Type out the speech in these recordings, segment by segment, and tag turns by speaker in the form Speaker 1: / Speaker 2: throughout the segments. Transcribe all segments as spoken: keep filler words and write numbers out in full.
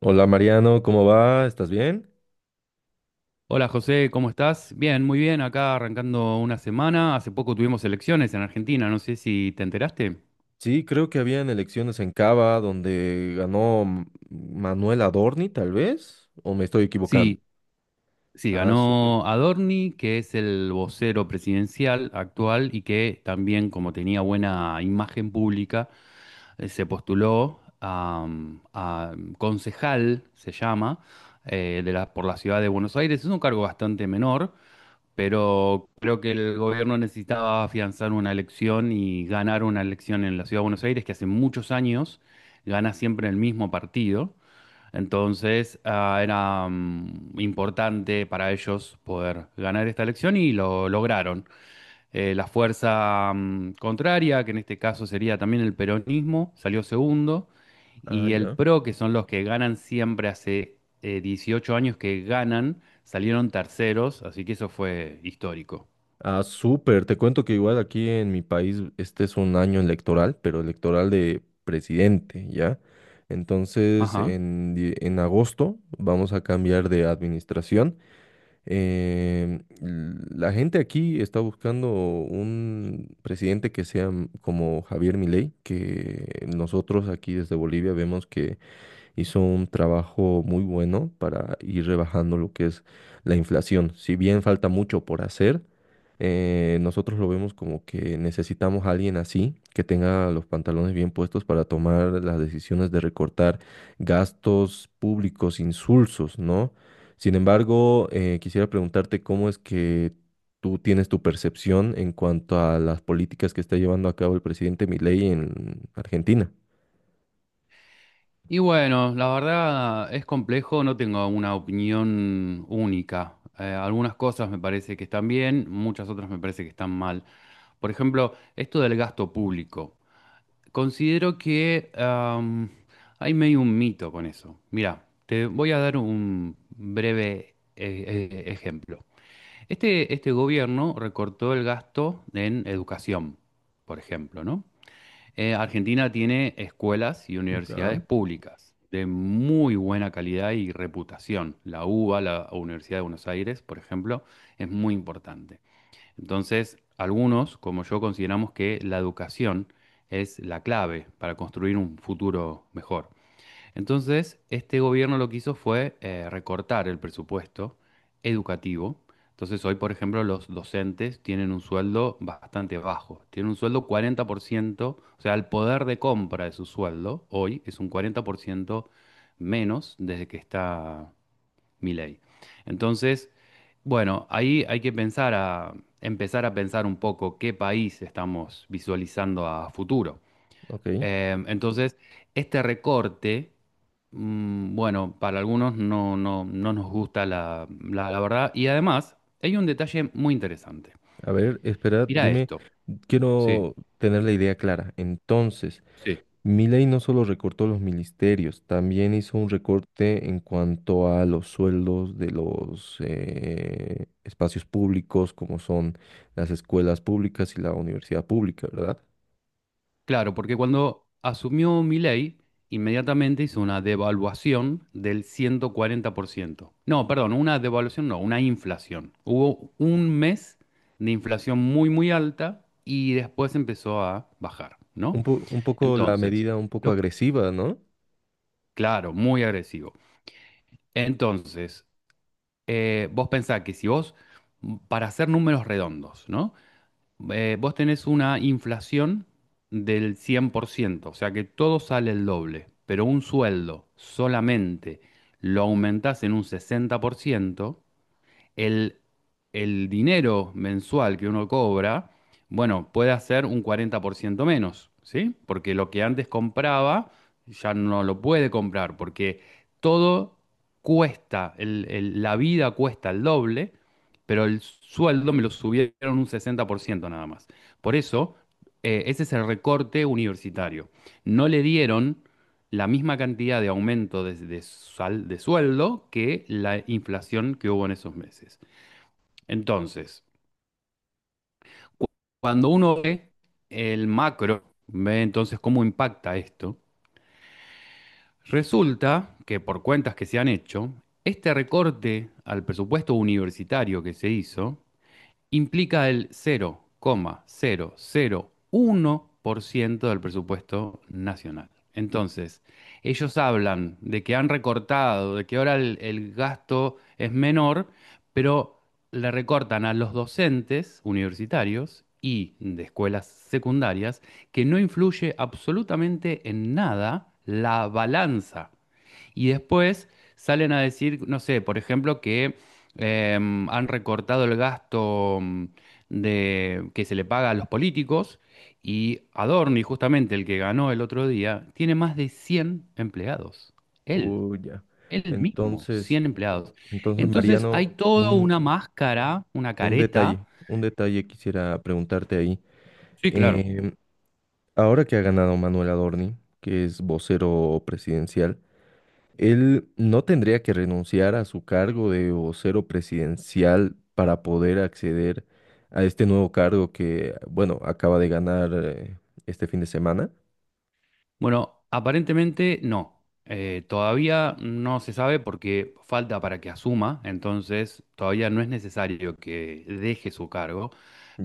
Speaker 1: Hola Mariano, ¿cómo va? ¿Estás bien?
Speaker 2: Hola José, ¿cómo estás? Bien, muy bien, acá arrancando una semana. Hace poco tuvimos elecciones en Argentina, no sé si te enteraste.
Speaker 1: Sí, creo que habían elecciones en Cava donde ganó M- Manuel Adorni, tal vez, o me estoy equivocando.
Speaker 2: Sí, sí,
Speaker 1: Ah, súper.
Speaker 2: ganó Adorni, que es el vocero presidencial actual y que también, como tenía buena imagen pública, eh, se postuló a, a concejal, se llama, eh, de la- por la ciudad de Buenos Aires. Es un cargo bastante menor, pero creo que el gobierno necesitaba afianzar una elección y ganar una elección en la Ciudad de Buenos Aires, que hace muchos años gana siempre el mismo partido. Entonces, ah, era mm, importante para ellos poder ganar esta elección y lo lograron. Eh, la fuerza mm, contraria, que en este caso sería también el peronismo, salió segundo.
Speaker 1: Ah,
Speaker 2: Y el
Speaker 1: ya.
Speaker 2: P R O, que son los que ganan siempre hace eh, dieciocho años que ganan, salieron terceros, así que eso fue histórico.
Speaker 1: Ah, súper. Te cuento que igual aquí en mi país este es un año electoral, pero electoral de presidente, ¿ya? Entonces,
Speaker 2: Ajá.
Speaker 1: en, die- en agosto vamos a cambiar de administración. Eh, la gente aquí está buscando un presidente que sea m- como Javier Milei, que nosotros aquí desde Bolivia vemos que hizo un trabajo muy bueno para ir rebajando lo que es la inflación. Si bien falta mucho por hacer, eh, nosotros lo vemos como que necesitamos a alguien así, que tenga los pantalones bien puestos para tomar las decisiones de recortar gastos públicos insulsos, ¿no? Sin embargo, eh, quisiera preguntarte cómo es que tú tienes tu percepción en cuanto a las políticas que está llevando a cabo el presidente Milei en Argentina.
Speaker 2: Y bueno, la verdad es complejo, no tengo una opinión única. Eh, algunas cosas me parece que están bien, muchas otras me parece que están mal. Por ejemplo, esto del gasto público. Considero que am, hay medio un mito con eso. Mira, te voy a dar un breve eh, eh, ejemplo. Este, este gobierno recortó el gasto en educación, por ejemplo, ¿no? Eh, Argentina tiene escuelas y universidades
Speaker 1: Ya.
Speaker 2: públicas de muy buena calidad y reputación. La UBA, la Universidad de Buenos Aires, por ejemplo, es muy importante. Entonces, algunos, como yo, consideramos que la educación es la clave para construir un futuro mejor. Entonces, este gobierno lo que hizo fue eh, recortar el presupuesto educativo. Entonces, hoy, por ejemplo, los docentes tienen un sueldo bastante bajo. Tienen un sueldo cuarenta por ciento, o sea, el poder de compra de su sueldo hoy es un cuarenta por ciento menos desde que está Milei. Entonces, bueno, ahí hay que pensar a, empezar a pensar un poco qué país estamos visualizando a futuro.
Speaker 1: Ok.
Speaker 2: Eh, entonces, este recorte, mm, bueno, para algunos no, no, no nos gusta la, la, la verdad. Y además, hay un detalle muy interesante.
Speaker 1: A ver, espera,
Speaker 2: Mira
Speaker 1: dime,
Speaker 2: esto. Sí,
Speaker 1: quiero tener la idea clara. Entonces,
Speaker 2: sí.
Speaker 1: Milei no solo recortó los ministerios, también hizo un recorte en cuanto a los sueldos de los eh, espacios públicos, como son las escuelas públicas y la universidad pública, ¿verdad?
Speaker 2: Claro, porque cuando asumió Milei, inmediatamente hizo una devaluación del ciento cuarenta por ciento. No, perdón, una devaluación no, una inflación. Hubo un mes de inflación muy, muy alta y después empezó a bajar, ¿no?
Speaker 1: Un po- un poco la
Speaker 2: Entonces,
Speaker 1: medida, un poco
Speaker 2: lo,
Speaker 1: agresiva, ¿no?
Speaker 2: claro, muy agresivo. Entonces, eh, vos pensás que si vos, para hacer números redondos, ¿no? eh, vos tenés una inflación del cien por ciento, o sea que todo sale el doble, pero un sueldo solamente lo aumentás en un sesenta por ciento el, el dinero mensual que uno cobra, bueno, puede hacer un cuarenta por ciento menos, ¿sí? Porque lo que antes compraba ya no lo puede comprar, porque todo cuesta, el- el- la vida cuesta el doble, pero el sueldo me lo subieron un sesenta por ciento nada más. Por eso, eh, ese es el recorte universitario. No le dieron la misma cantidad de aumento de, de sal- de sueldo que la inflación que hubo en esos meses. Entonces, cuando uno ve el macro, ve entonces cómo impacta esto, resulta que por cuentas que se han hecho, este recorte al presupuesto universitario que se hizo implica el cero coma cero cero coma uno por ciento del presupuesto nacional. Entonces, ellos hablan de que han recortado, de que ahora el, el gasto es menor, pero le recortan a los docentes universitarios y de escuelas secundarias que no influye absolutamente en nada la balanza y después salen a decir, no sé, por ejemplo, que em, han recortado el gasto mm, de, que se le paga a los políticos y Adorni, justamente el que ganó el otro día, tiene más de cien empleados. Él,
Speaker 1: Uy, ya.
Speaker 2: él mismo,
Speaker 1: Entonces,
Speaker 2: cien empleados.
Speaker 1: entonces,
Speaker 2: Entonces hay
Speaker 1: Mariano,
Speaker 2: toda
Speaker 1: un,
Speaker 2: una máscara, una
Speaker 1: un
Speaker 2: careta.
Speaker 1: detalle, un detalle quisiera preguntarte ahí.
Speaker 2: Sí, claro.
Speaker 1: Em, ahora que ha ganado Manuel Adorni, que es vocero presidencial, él no tendría que renunciar a su cargo de vocero presidencial para poder acceder a este nuevo cargo que, bueno, acaba de ganar eh, este fin de semana.
Speaker 2: Bueno, aparentemente no. Eh, todavía no se sabe porque falta para que asuma, entonces todavía no es necesario que deje su cargo,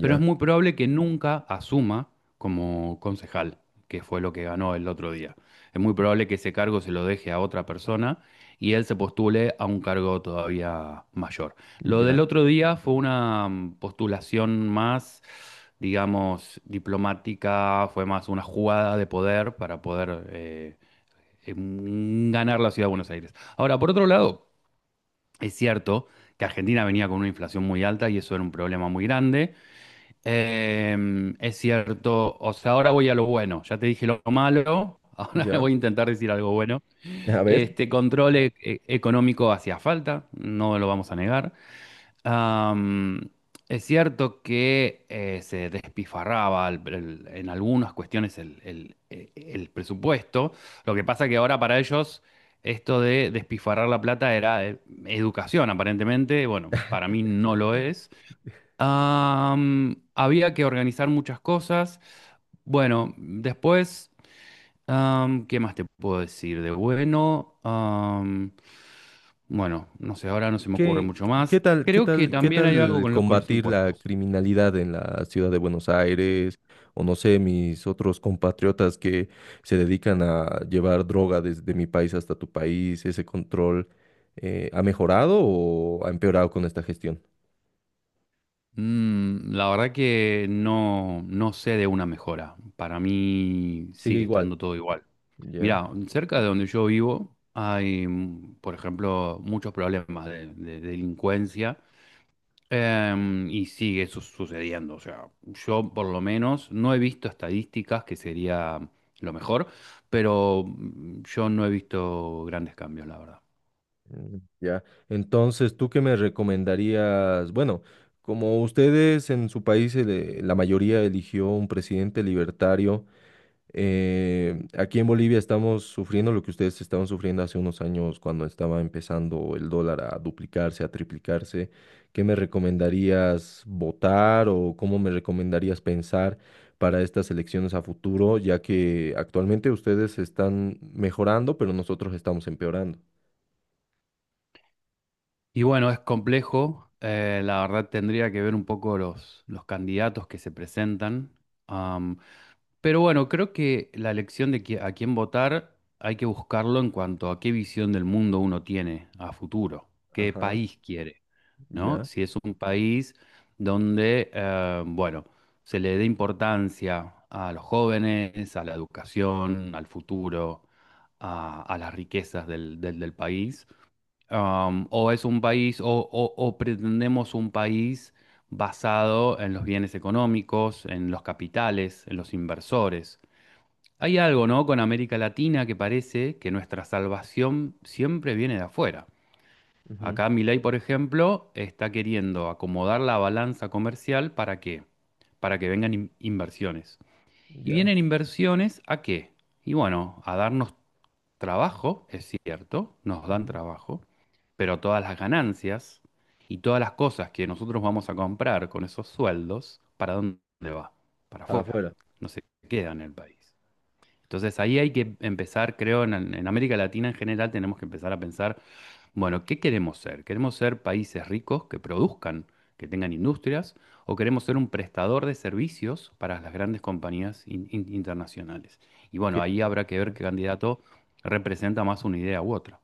Speaker 2: pero es muy probable que nunca asuma como concejal, que fue lo que ganó el otro día. Es muy probable que ese cargo se lo deje a otra persona y él se postule a un cargo todavía mayor. Lo del
Speaker 1: ya,
Speaker 2: otro día fue una mm, postulación más, digamos, diplomática, fue más una jugada de poder para poder eh, em, ganar la ciudad de Buenos Aires. Ahora, por otro lado, es cierto que Argentina venía con una inflación muy alta y eso era un problema muy grande. Em, es cierto, o sea, ahora voy a lo bueno, ya te dije lo malo. Ahora
Speaker 1: ya.
Speaker 2: voy a intentar decir algo bueno.
Speaker 1: A ver.
Speaker 2: Este control e- e- económico hacía falta, no lo vamos a negar. Am, es cierto que eh, se despifarraba el- el- en algunas cuestiones el, el- eh, el presupuesto. Lo que pasa que ahora para ellos esto de despifarrar la plata era eh, educación, aparentemente. Bueno, para mí no lo es. Am, había que organizar muchas cosas. Bueno, después, am, ¿qué más te puedo decir de bueno? Bueno, no sé, ahora no se me ocurre
Speaker 1: ¿Qué,
Speaker 2: mucho
Speaker 1: ¿qué
Speaker 2: más.
Speaker 1: tal, qué
Speaker 2: Creo que
Speaker 1: tal, qué
Speaker 2: también hay algo
Speaker 1: tal
Speaker 2: con, lo- con los
Speaker 1: combatir la
Speaker 2: impuestos.
Speaker 1: criminalidad en la ciudad de Buenos Aires? O no sé, mis otros compatriotas que se dedican a llevar droga desde mi país hasta tu país, ¿ese control eh, ha mejorado o ha empeorado con esta gestión?
Speaker 2: Mm, la verdad que no, no sé de una mejora. Para mí
Speaker 1: Sigue
Speaker 2: sigue
Speaker 1: igual.
Speaker 2: estando todo igual.
Speaker 1: Ya,
Speaker 2: Mirá, cerca de donde yo vivo hay, mm, por ejemplo, muchos problemas de, de delincuencia em, y sigue su- sucediendo. O sea, yo por lo menos no he visto estadísticas, que sería lo mejor, pero mm, yo no he visto grandes cambios, la verdad.
Speaker 1: mm, ya. Entonces, ¿tú qué me recomendarías? Bueno, como ustedes en su país, eh, la mayoría eligió un presidente libertario. Eh, aquí en Bolivia estamos sufriendo lo que ustedes estaban sufriendo hace unos años cuando estaba empezando el dólar a duplicarse, a triplicarse. ¿Qué me recomendarías votar o cómo me recomendarías pensar para estas elecciones a futuro, ya que actualmente ustedes están mejorando, pero nosotros estamos empeorando?
Speaker 2: Y bueno, es complejo. eh, la verdad tendría que ver un poco los, los candidatos que se presentan. am, pero bueno, creo que la elección de qui- a quién votar hay que buscarlo en cuanto a qué visión del mundo uno tiene a futuro, qué
Speaker 1: Ajá,
Speaker 2: país quiere, ¿no?
Speaker 1: ya,
Speaker 2: Si es un país donde, eh, bueno, se le dé importancia a los jóvenes, a la educación, al futuro, a, a las riquezas del del- del país um, o es un país, o, o- o pretendemos un país basado en los bienes económicos, en los capitales, en los inversores. Hay algo, ¿no? Con América Latina que parece que nuestra salvación siempre viene de afuera.
Speaker 1: ujú,
Speaker 2: Acá Milei, por ejemplo, está queriendo acomodar la balanza comercial ¿para qué? Para que vengan in- inversiones. Y
Speaker 1: ya,
Speaker 2: vienen inversiones ¿a qué? Y bueno, a darnos trabajo, es cierto, nos dan
Speaker 1: ujú.
Speaker 2: trabajo, pero todas las ganancias y todas las cosas que nosotros vamos a comprar con esos sueldos, ¿para dónde va? Para
Speaker 1: Para
Speaker 2: afuera,
Speaker 1: afuera.
Speaker 2: no se queda en el país. Entonces ahí hay que empezar, creo, en, en América Latina en general tenemos que empezar a pensar bueno, ¿qué queremos ser? ¿Queremos ser países ricos que produzcan, que tengan industrias, o queremos ser un prestador de servicios para las grandes compañías in- in- internacionales? Y bueno, ahí
Speaker 1: ¿Qué?
Speaker 2: habrá que ver qué candidato representa más una idea u otra.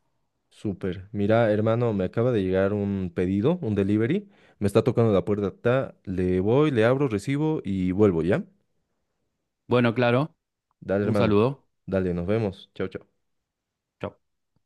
Speaker 1: Súper. Mira, hermano, me acaba de llegar un pedido, un delivery. Me está tocando la puerta. Ta, le voy, le abro, recibo y vuelvo, ¿ya?
Speaker 2: Bueno, claro,
Speaker 1: Dale,
Speaker 2: un
Speaker 1: hermano.
Speaker 2: saludo.
Speaker 1: Dale, nos vemos. Chao, chao.
Speaker 2: Chau.